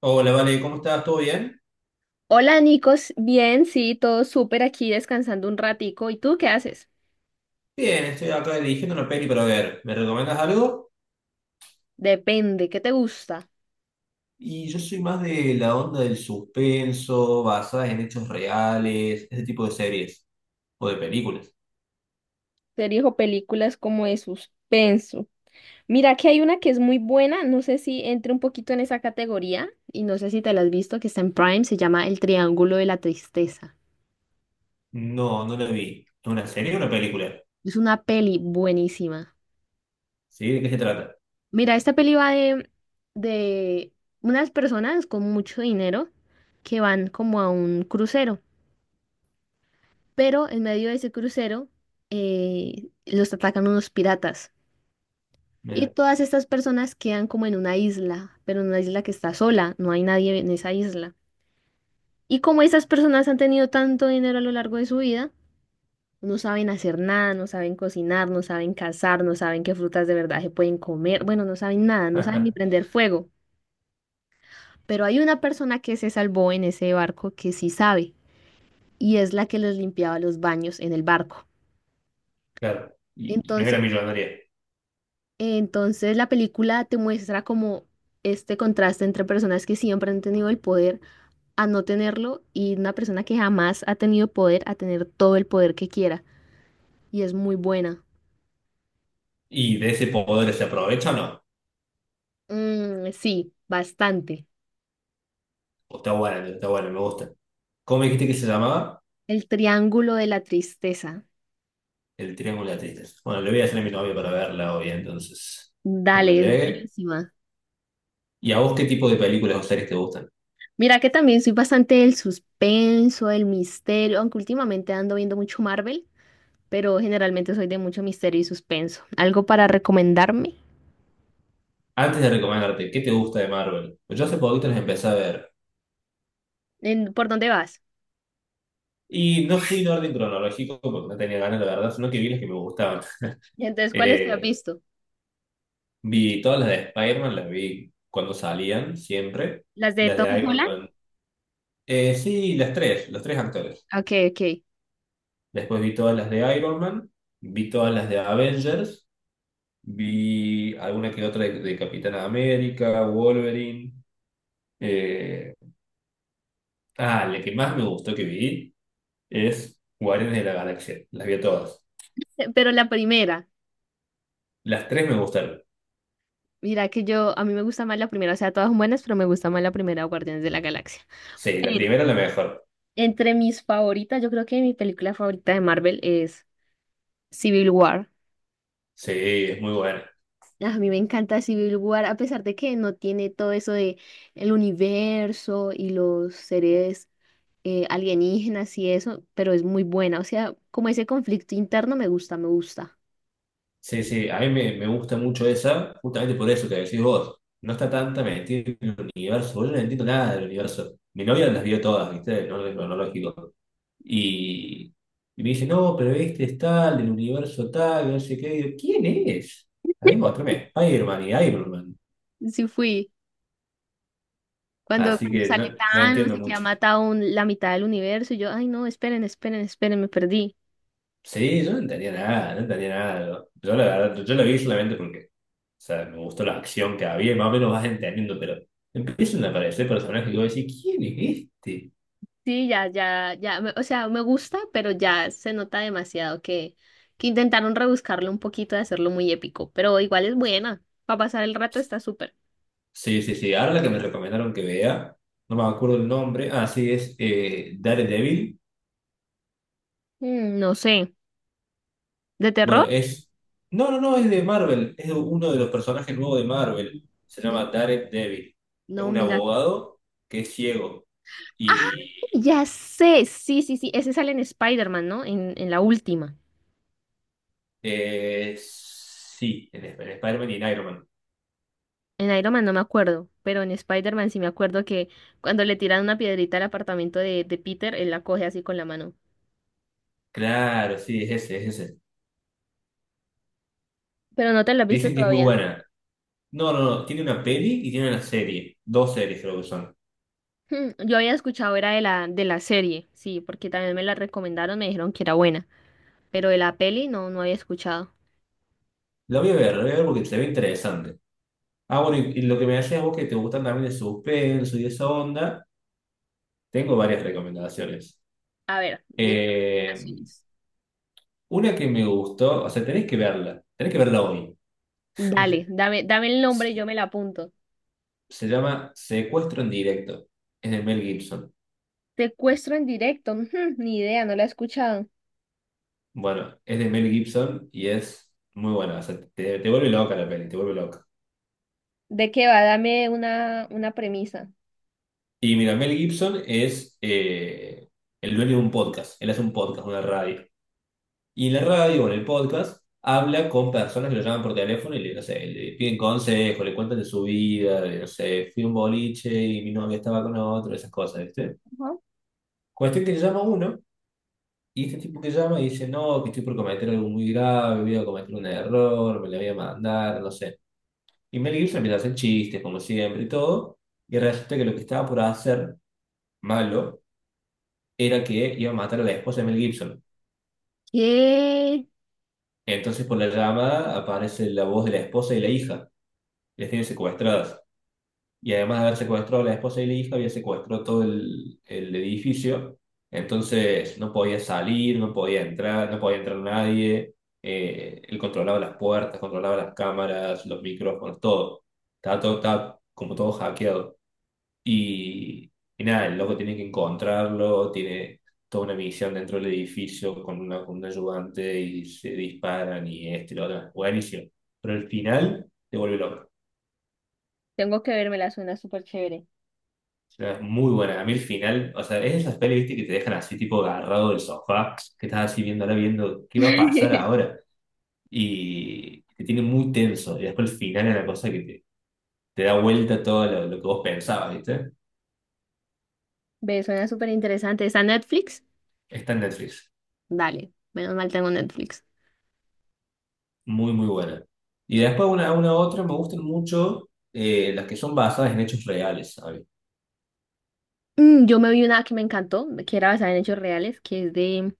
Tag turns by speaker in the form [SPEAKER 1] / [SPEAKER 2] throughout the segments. [SPEAKER 1] Hola, Vale, ¿cómo estás? ¿Todo bien?
[SPEAKER 2] Hola, Nicos. Bien, sí, todo súper aquí descansando un ratico. ¿Y tú qué haces?
[SPEAKER 1] Bien, estoy acá eligiendo una peli para ver. ¿Me recomiendas algo?
[SPEAKER 2] Depende, ¿qué te gusta?
[SPEAKER 1] Y yo soy más de la onda del suspenso, basadas en hechos reales, ese tipo de series o de películas.
[SPEAKER 2] Series o películas como de suspenso. Mira que hay una que es muy buena, no sé si entre un poquito en esa categoría y no sé si te la has visto, que está en Prime, se llama El Triángulo de la Tristeza.
[SPEAKER 1] No, no la vi. ¿Es una serie o una película?
[SPEAKER 2] Es una peli buenísima.
[SPEAKER 1] ¿Sí? ¿De qué se trata?
[SPEAKER 2] Mira, esta peli va de unas personas con mucho dinero que van como a un crucero. Pero en medio de ese crucero los atacan unos piratas. Y
[SPEAKER 1] Mira.
[SPEAKER 2] todas estas personas quedan como en una isla, pero en una isla que está sola, no hay nadie en esa isla. Y como esas personas han tenido tanto dinero a lo largo de su vida, no saben hacer nada, no saben cocinar, no saben cazar, no saben qué frutas de verdad se pueden comer, bueno, no saben nada, no saben ni prender fuego. Pero hay una persona que se salvó en ese barco que sí sabe, y es la que les limpiaba los baños en el barco.
[SPEAKER 1] Claro. Y no era millonaria.
[SPEAKER 2] Entonces la película te muestra como este contraste entre personas que siempre han tenido el poder a no tenerlo y una persona que jamás ha tenido poder a tener todo el poder que quiera. Y es muy buena.
[SPEAKER 1] ¿Y de ese poder se aprovecha o no?
[SPEAKER 2] Mm, sí, bastante.
[SPEAKER 1] O está buena, me gusta. ¿Cómo me dijiste que se llamaba?
[SPEAKER 2] El triángulo de la tristeza.
[SPEAKER 1] El Triángulo de la Tristeza. Bueno, le voy a hacer a mi novia para verla hoy, entonces. Cuando
[SPEAKER 2] Dale, es
[SPEAKER 1] llegue.
[SPEAKER 2] buenísima.
[SPEAKER 1] ¿Y a vos qué tipo de películas o series te gustan?
[SPEAKER 2] Mira que también soy bastante del suspenso, del misterio, aunque últimamente ando viendo mucho Marvel, pero generalmente soy de mucho misterio y suspenso. ¿Algo para recomendarme?
[SPEAKER 1] Antes de recomendarte, ¿qué te gusta de Marvel? Pues yo hace poquito las empecé a ver.
[SPEAKER 2] ¿por dónde vas?
[SPEAKER 1] Y no fui en orden cronológico porque no tenía ganas, la verdad, sino que vi las que me gustaban.
[SPEAKER 2] Y entonces, ¿cuáles te has
[SPEAKER 1] Eh,
[SPEAKER 2] visto?
[SPEAKER 1] vi todas las de Spider-Man, las vi cuando salían, siempre.
[SPEAKER 2] ¿Las de
[SPEAKER 1] Las
[SPEAKER 2] Tom
[SPEAKER 1] de Iron
[SPEAKER 2] Holland?
[SPEAKER 1] Man. Sí, las tres, los tres actores.
[SPEAKER 2] Ok, ok.
[SPEAKER 1] Después vi todas las de Iron Man, vi todas las de Avengers, vi alguna que otra de Capitán América, Wolverine. eh, la que más me gustó que vi es Guardianes de la Galaxia. Las vi todas.
[SPEAKER 2] Pero la primera,
[SPEAKER 1] Las tres me gustaron.
[SPEAKER 2] mira que yo, a mí me gusta más la primera, o sea, todas son buenas, pero me gusta más la primera, Guardianes de la Galaxia.
[SPEAKER 1] Sí, la
[SPEAKER 2] Pero
[SPEAKER 1] primera es la mejor.
[SPEAKER 2] entre mis favoritas, yo creo que mi película favorita de Marvel es Civil War.
[SPEAKER 1] Sí, es muy buena.
[SPEAKER 2] Ah, a mí me encanta Civil War, a pesar de que no tiene todo eso de el universo y los seres alienígenas y eso, pero es muy buena. O sea, como ese conflicto interno me gusta, me gusta.
[SPEAKER 1] Sí, sí, a mí me gusta mucho esa, justamente por eso que decís vos. No está tanta metida en el universo. Yo no entiendo nada del universo. Mi novia las vio todas, ¿viste? No es cronológico. Y, y me dice, no, pero este es tal, del universo tal, no sé qué. Y yo, ¿quién es? Ahí mí muéstrame, Iron Man y Iron Man.
[SPEAKER 2] Sí fui. Cuando,
[SPEAKER 1] Así
[SPEAKER 2] cuando
[SPEAKER 1] que no,
[SPEAKER 2] sale
[SPEAKER 1] no
[SPEAKER 2] Thanos
[SPEAKER 1] entiendo
[SPEAKER 2] y que ha
[SPEAKER 1] mucho.
[SPEAKER 2] matado la mitad del universo, y yo, ay no, esperen, esperen, esperen, me perdí.
[SPEAKER 1] Sí, yo no entendía nada, no entendía nada. Yo la verdad, yo, lo vi solamente porque, o sea, me gustó la acción que había y más o menos vas entendiendo, pero empiezan a aparecer personajes que voy a decir, ¿quién es este?
[SPEAKER 2] Sí, ya, ya, ya, o sea, me gusta, pero ya se nota demasiado que intentaron rebuscarlo un poquito de hacerlo muy épico, pero igual es buena, para pasar el rato está súper.
[SPEAKER 1] Sí, sí, sí. Ahora la que me recomendaron que vea, no me acuerdo el nombre. Ah, sí, es Daredevil.
[SPEAKER 2] Mm, no sé, ¿de
[SPEAKER 1] Bueno,
[SPEAKER 2] terror?
[SPEAKER 1] es. No, no, no, es de Marvel. Es uno de los personajes nuevos de Marvel. Se
[SPEAKER 2] Mm,
[SPEAKER 1] llama Daredevil. Es
[SPEAKER 2] no,
[SPEAKER 1] un
[SPEAKER 2] mira que no.
[SPEAKER 1] abogado que es ciego. Y.
[SPEAKER 2] Ya sé, sí, sí, sí, ese sale en Spider-Man, ¿no? En la última.
[SPEAKER 1] Sí, en Spider-Man y en Iron Man.
[SPEAKER 2] En Iron Man no me acuerdo, pero en Spider-Man sí me acuerdo que cuando le tiran una piedrita al apartamento de Peter, él la coge así con la mano.
[SPEAKER 1] Claro, sí, es ese, es ese.
[SPEAKER 2] Pero no te la has visto
[SPEAKER 1] Dicen que es muy
[SPEAKER 2] todavía.
[SPEAKER 1] buena. No, no, no, tiene una peli y tiene una serie. Dos series creo que son.
[SPEAKER 2] Hmm, yo había escuchado, era de la serie, sí, porque también me la recomendaron, me dijeron que era buena, pero de la peli no, no había escuchado.
[SPEAKER 1] La voy a ver, la voy a ver porque se ve interesante. Ah, bueno, y lo que me decías vos que te gustan también el suspenso y esa onda, tengo varias recomendaciones.
[SPEAKER 2] A ver, dime
[SPEAKER 1] Eh,
[SPEAKER 2] recomendaciones.
[SPEAKER 1] una que me gustó, o sea, tenés que verla hoy.
[SPEAKER 2] Dale, dame el nombre, y yo me la apunto.
[SPEAKER 1] Se llama Secuestro en directo. Es de Mel Gibson.
[SPEAKER 2] Secuestro en directo, hmm, ni idea, no la he escuchado.
[SPEAKER 1] Bueno, es de Mel Gibson y es muy buena. O sea, te vuelve loca la peli, te vuelve loca.
[SPEAKER 2] ¿De qué va? Dame una premisa.
[SPEAKER 1] Y mira, Mel Gibson es el dueño de un podcast. Él hace un podcast, una radio. Y en la radio o en el podcast habla con personas que lo llaman por teléfono y le, no sé, le piden consejos, le cuentan de su vida, de, no sé, fui a un boliche y mi novia estaba con otro, esas cosas, ¿viste?
[SPEAKER 2] Ajá.
[SPEAKER 1] Cuestión que llama uno y este tipo que llama y dice, no, que estoy por cometer algo muy grave, voy a cometer un error, me la voy a mandar, no sé. Y Mel Gibson empieza a hacer chistes, como siempre y todo, y resulta que lo que estaba por hacer, malo, era que iba a matar a la esposa de Mel Gibson.
[SPEAKER 2] ¿Qué?
[SPEAKER 1] Entonces, por la llamada aparece la voz de la esposa y la hija, les tiene secuestradas. Y además de haber secuestrado a la esposa y la hija, había secuestrado todo el edificio. Entonces, no podía salir, no podía entrar, no podía entrar nadie. Él controlaba las puertas, controlaba las cámaras, los micrófonos, todo. Estaba, todo, estaba como todo hackeado. Y, y nada, el loco tiene que encontrarlo, tiene toda una misión dentro del edificio con un ayudante y se disparan y este y lo otro. Buenísimo. Pero el final te vuelve loco.
[SPEAKER 2] Tengo que verme, la suena súper chévere.
[SPEAKER 1] O sea, es muy buena. A mí el final, o sea, es esas pelis, viste, que te dejan así tipo agarrado del sofá, que estás así viendo ahora viendo qué va a pasar ahora. Y te tiene muy tenso. Y después el final es la cosa que te da vuelta todo lo que vos pensabas, ¿viste?
[SPEAKER 2] Ve, suena súper interesante. ¿Está en Netflix?
[SPEAKER 1] Está en Netflix.
[SPEAKER 2] Dale, menos mal tengo Netflix.
[SPEAKER 1] Muy, muy buena. Y después una, otra, me gustan mucho las que son basadas en hechos reales, sabes.
[SPEAKER 2] Mm, yo me vi una que me encantó, que era basada en hechos reales, que es de...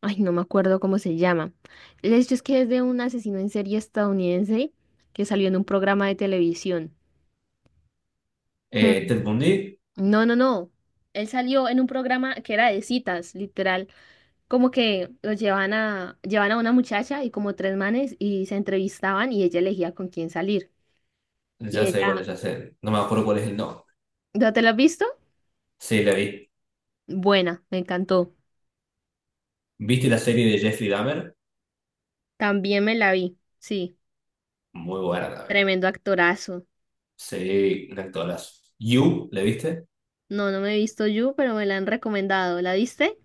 [SPEAKER 2] Ay, no me acuerdo cómo se llama. El hecho es que es de un asesino en serie estadounidense que salió en un programa de televisión. Hmm.
[SPEAKER 1] Ted Bundy,
[SPEAKER 2] No, no, no. Él salió en un programa que era de citas, literal. Como que lo llevan a una muchacha y como tres manes y se entrevistaban y ella elegía con quién salir. Y
[SPEAKER 1] ya sé cuál es,
[SPEAKER 2] ella,
[SPEAKER 1] ya sé. No me acuerdo cuál es el nombre.
[SPEAKER 2] ¿no te lo has visto?
[SPEAKER 1] Sí, la vi.
[SPEAKER 2] Buena, me encantó.
[SPEAKER 1] ¿Viste la serie de Jeffrey Dahmer?
[SPEAKER 2] También me la vi. Sí,
[SPEAKER 1] Muy buena también.
[SPEAKER 2] tremendo actorazo.
[SPEAKER 1] Sí, un actorazo. ¿You? ¿La viste?
[SPEAKER 2] No, no me he visto You, pero me la han recomendado. ¿La viste?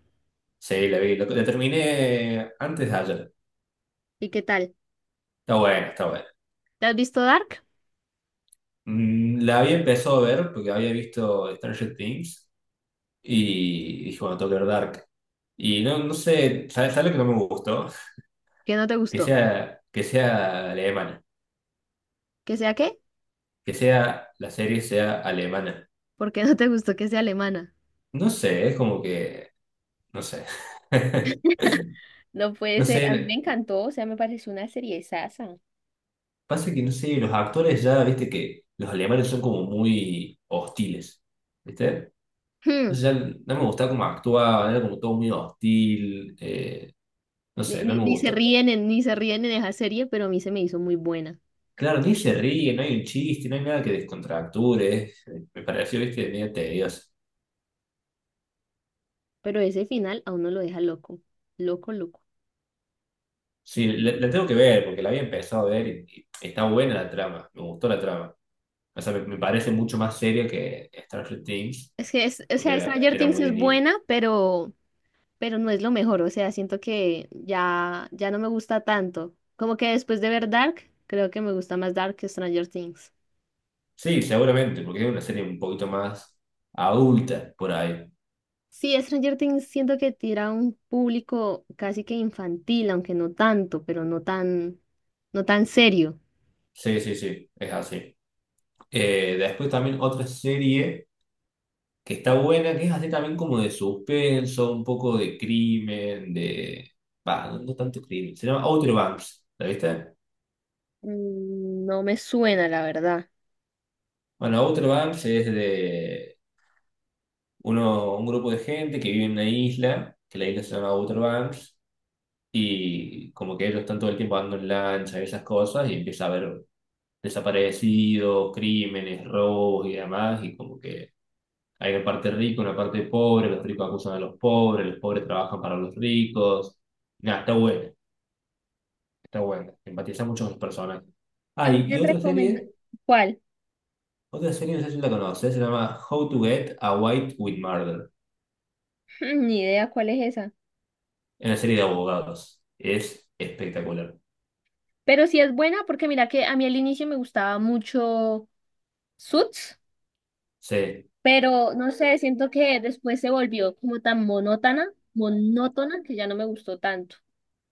[SPEAKER 1] Sí, la vi. Terminé antes de ayer.
[SPEAKER 2] ¿Y qué tal?
[SPEAKER 1] Está buena, está buena.
[SPEAKER 2] ¿Te has visto Dark?
[SPEAKER 1] La había empezado a ver porque había visto Stranger Things y dije, bueno, tengo que ver Dark. Y no, no sé, ¿sabes lo que no me gustó?
[SPEAKER 2] ¿Qué no te
[SPEAKER 1] que
[SPEAKER 2] gustó?
[SPEAKER 1] sea, que sea alemana,
[SPEAKER 2] ¿Que sea qué?
[SPEAKER 1] que sea, la serie sea alemana.
[SPEAKER 2] ¿Por qué no te gustó que sea alemana?
[SPEAKER 1] No sé, es como que, no sé.
[SPEAKER 2] No puede
[SPEAKER 1] No
[SPEAKER 2] ser,
[SPEAKER 1] sé,
[SPEAKER 2] a mí me encantó, o sea, me pareció una serie sasa.
[SPEAKER 1] pasa que no sé, los actores ya, viste que los alemanes son como muy hostiles, ¿viste?
[SPEAKER 2] Hmm,
[SPEAKER 1] Entonces ya no me gustaba cómo actuaban, era como todo muy hostil, no sé, no me
[SPEAKER 2] Ni se
[SPEAKER 1] gustó.
[SPEAKER 2] ríen en esa serie, pero a mí se me hizo muy buena.
[SPEAKER 1] Claro, ni se ríe, no hay un chiste, no hay nada que descontracture, me pareció, viste, medio tedioso.
[SPEAKER 2] Pero ese final a uno lo deja loco. Loco, loco.
[SPEAKER 1] Sí, le la tengo que ver, porque la había empezado a ver y está buena la trama, me gustó la trama. O sea, me parece mucho más seria que Stranger Things,
[SPEAKER 2] Es que es, o
[SPEAKER 1] porque
[SPEAKER 2] sea,
[SPEAKER 1] era,
[SPEAKER 2] Stranger
[SPEAKER 1] era
[SPEAKER 2] Things
[SPEAKER 1] muy de
[SPEAKER 2] es buena, pero no es lo mejor, o sea, siento que ya, ya no me gusta tanto. Como que después de ver Dark, creo que me gusta más Dark que Stranger Things.
[SPEAKER 1] Sí, seguramente, porque es una serie un poquito más adulta por ahí.
[SPEAKER 2] Sí, Stranger Things siento que tira a un público casi que infantil, aunque no tanto, pero no tan, no tan serio.
[SPEAKER 1] Sí, sí, sí, es así. Después también otra serie que está buena, que es así también como de suspenso, un poco de crimen, de... Bah, no, no tanto crimen, se llama Outer Banks, ¿la viste?
[SPEAKER 2] Mm, no me suena, la verdad.
[SPEAKER 1] Bueno, Outer Banks es de... un grupo de gente que vive en una isla, que la isla se llama Outer Banks, y como que ellos están todo el tiempo andando en lancha y esas cosas, y empieza a haber desaparecidos, crímenes, robos y demás, y como que hay una parte rica, una parte pobre, los ricos acusan a los pobres trabajan para los ricos. Nada, está buena, está buena. Empatiza mucho con los personajes. Ah,
[SPEAKER 2] A mí
[SPEAKER 1] y,
[SPEAKER 2] me
[SPEAKER 1] y
[SPEAKER 2] han
[SPEAKER 1] otra
[SPEAKER 2] recomendado.
[SPEAKER 1] serie,
[SPEAKER 2] ¿Cuál?
[SPEAKER 1] otra serie, no sé si la conoces, se llama How to Get Away with Murder.
[SPEAKER 2] Ni idea cuál es esa.
[SPEAKER 1] Es una serie de abogados. Es espectacular.
[SPEAKER 2] Pero sí es buena porque mira que a mí al inicio me gustaba mucho Suits.
[SPEAKER 1] Sí,
[SPEAKER 2] Pero no sé, siento que después se volvió como tan monótona, monótona, que ya no me gustó tanto.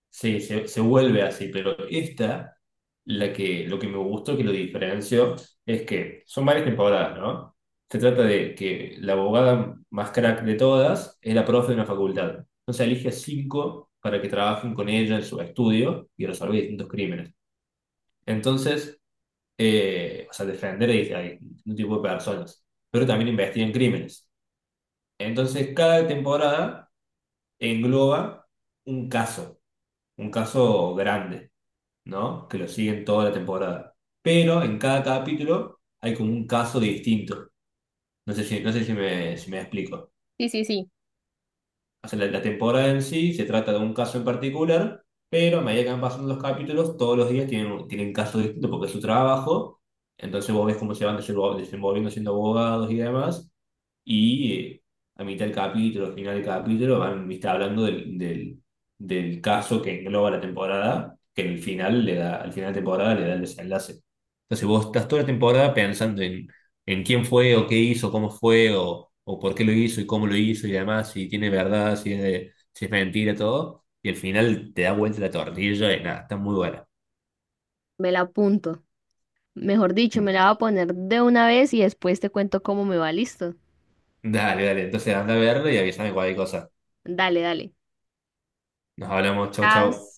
[SPEAKER 1] sí, se vuelve así, pero esta, lo que me gustó, que lo diferenció, es que son varias temporadas, ¿no? Se trata de que la abogada más crack de todas es la profe de una facultad. Entonces elige a cinco para que trabajen con ella en su estudio y resolver distintos crímenes. Entonces, o sea, defender a distintos tipos de personas, pero también investigan crímenes. Entonces, cada temporada engloba un caso, un caso grande. ¿No? Que lo siguen toda la temporada. Pero en cada capítulo hay como un caso distinto. No sé si si me explico.
[SPEAKER 2] Sí, sí, sí,
[SPEAKER 1] O sea, la temporada en sí se trata de un caso en particular, pero a medida que van pasando los capítulos, todos los días tienen casos distintos porque es su trabajo. Entonces vos ves cómo se van desenvolviendo siendo abogados y demás. Y a mitad del capítulo, final del capítulo, van, viste, hablando del, caso que engloba la temporada, que en el final le da, al final de temporada le da el desenlace. Entonces vos estás toda la temporada pensando en quién fue, o qué hizo, cómo fue, o por qué lo hizo y cómo lo hizo y demás, si tiene verdad, si es mentira, todo. Y al final te da vuelta la tortilla y nada, está muy buena.
[SPEAKER 2] me la apunto. Mejor dicho, me
[SPEAKER 1] Mm,
[SPEAKER 2] la voy a poner de una vez y después te cuento cómo me va, listo.
[SPEAKER 1] Dale, dale, entonces anda a verlo y avísame cualquier cosa.
[SPEAKER 2] Dale, dale.
[SPEAKER 1] Nos hablamos, chau,
[SPEAKER 2] Chao.
[SPEAKER 1] chau.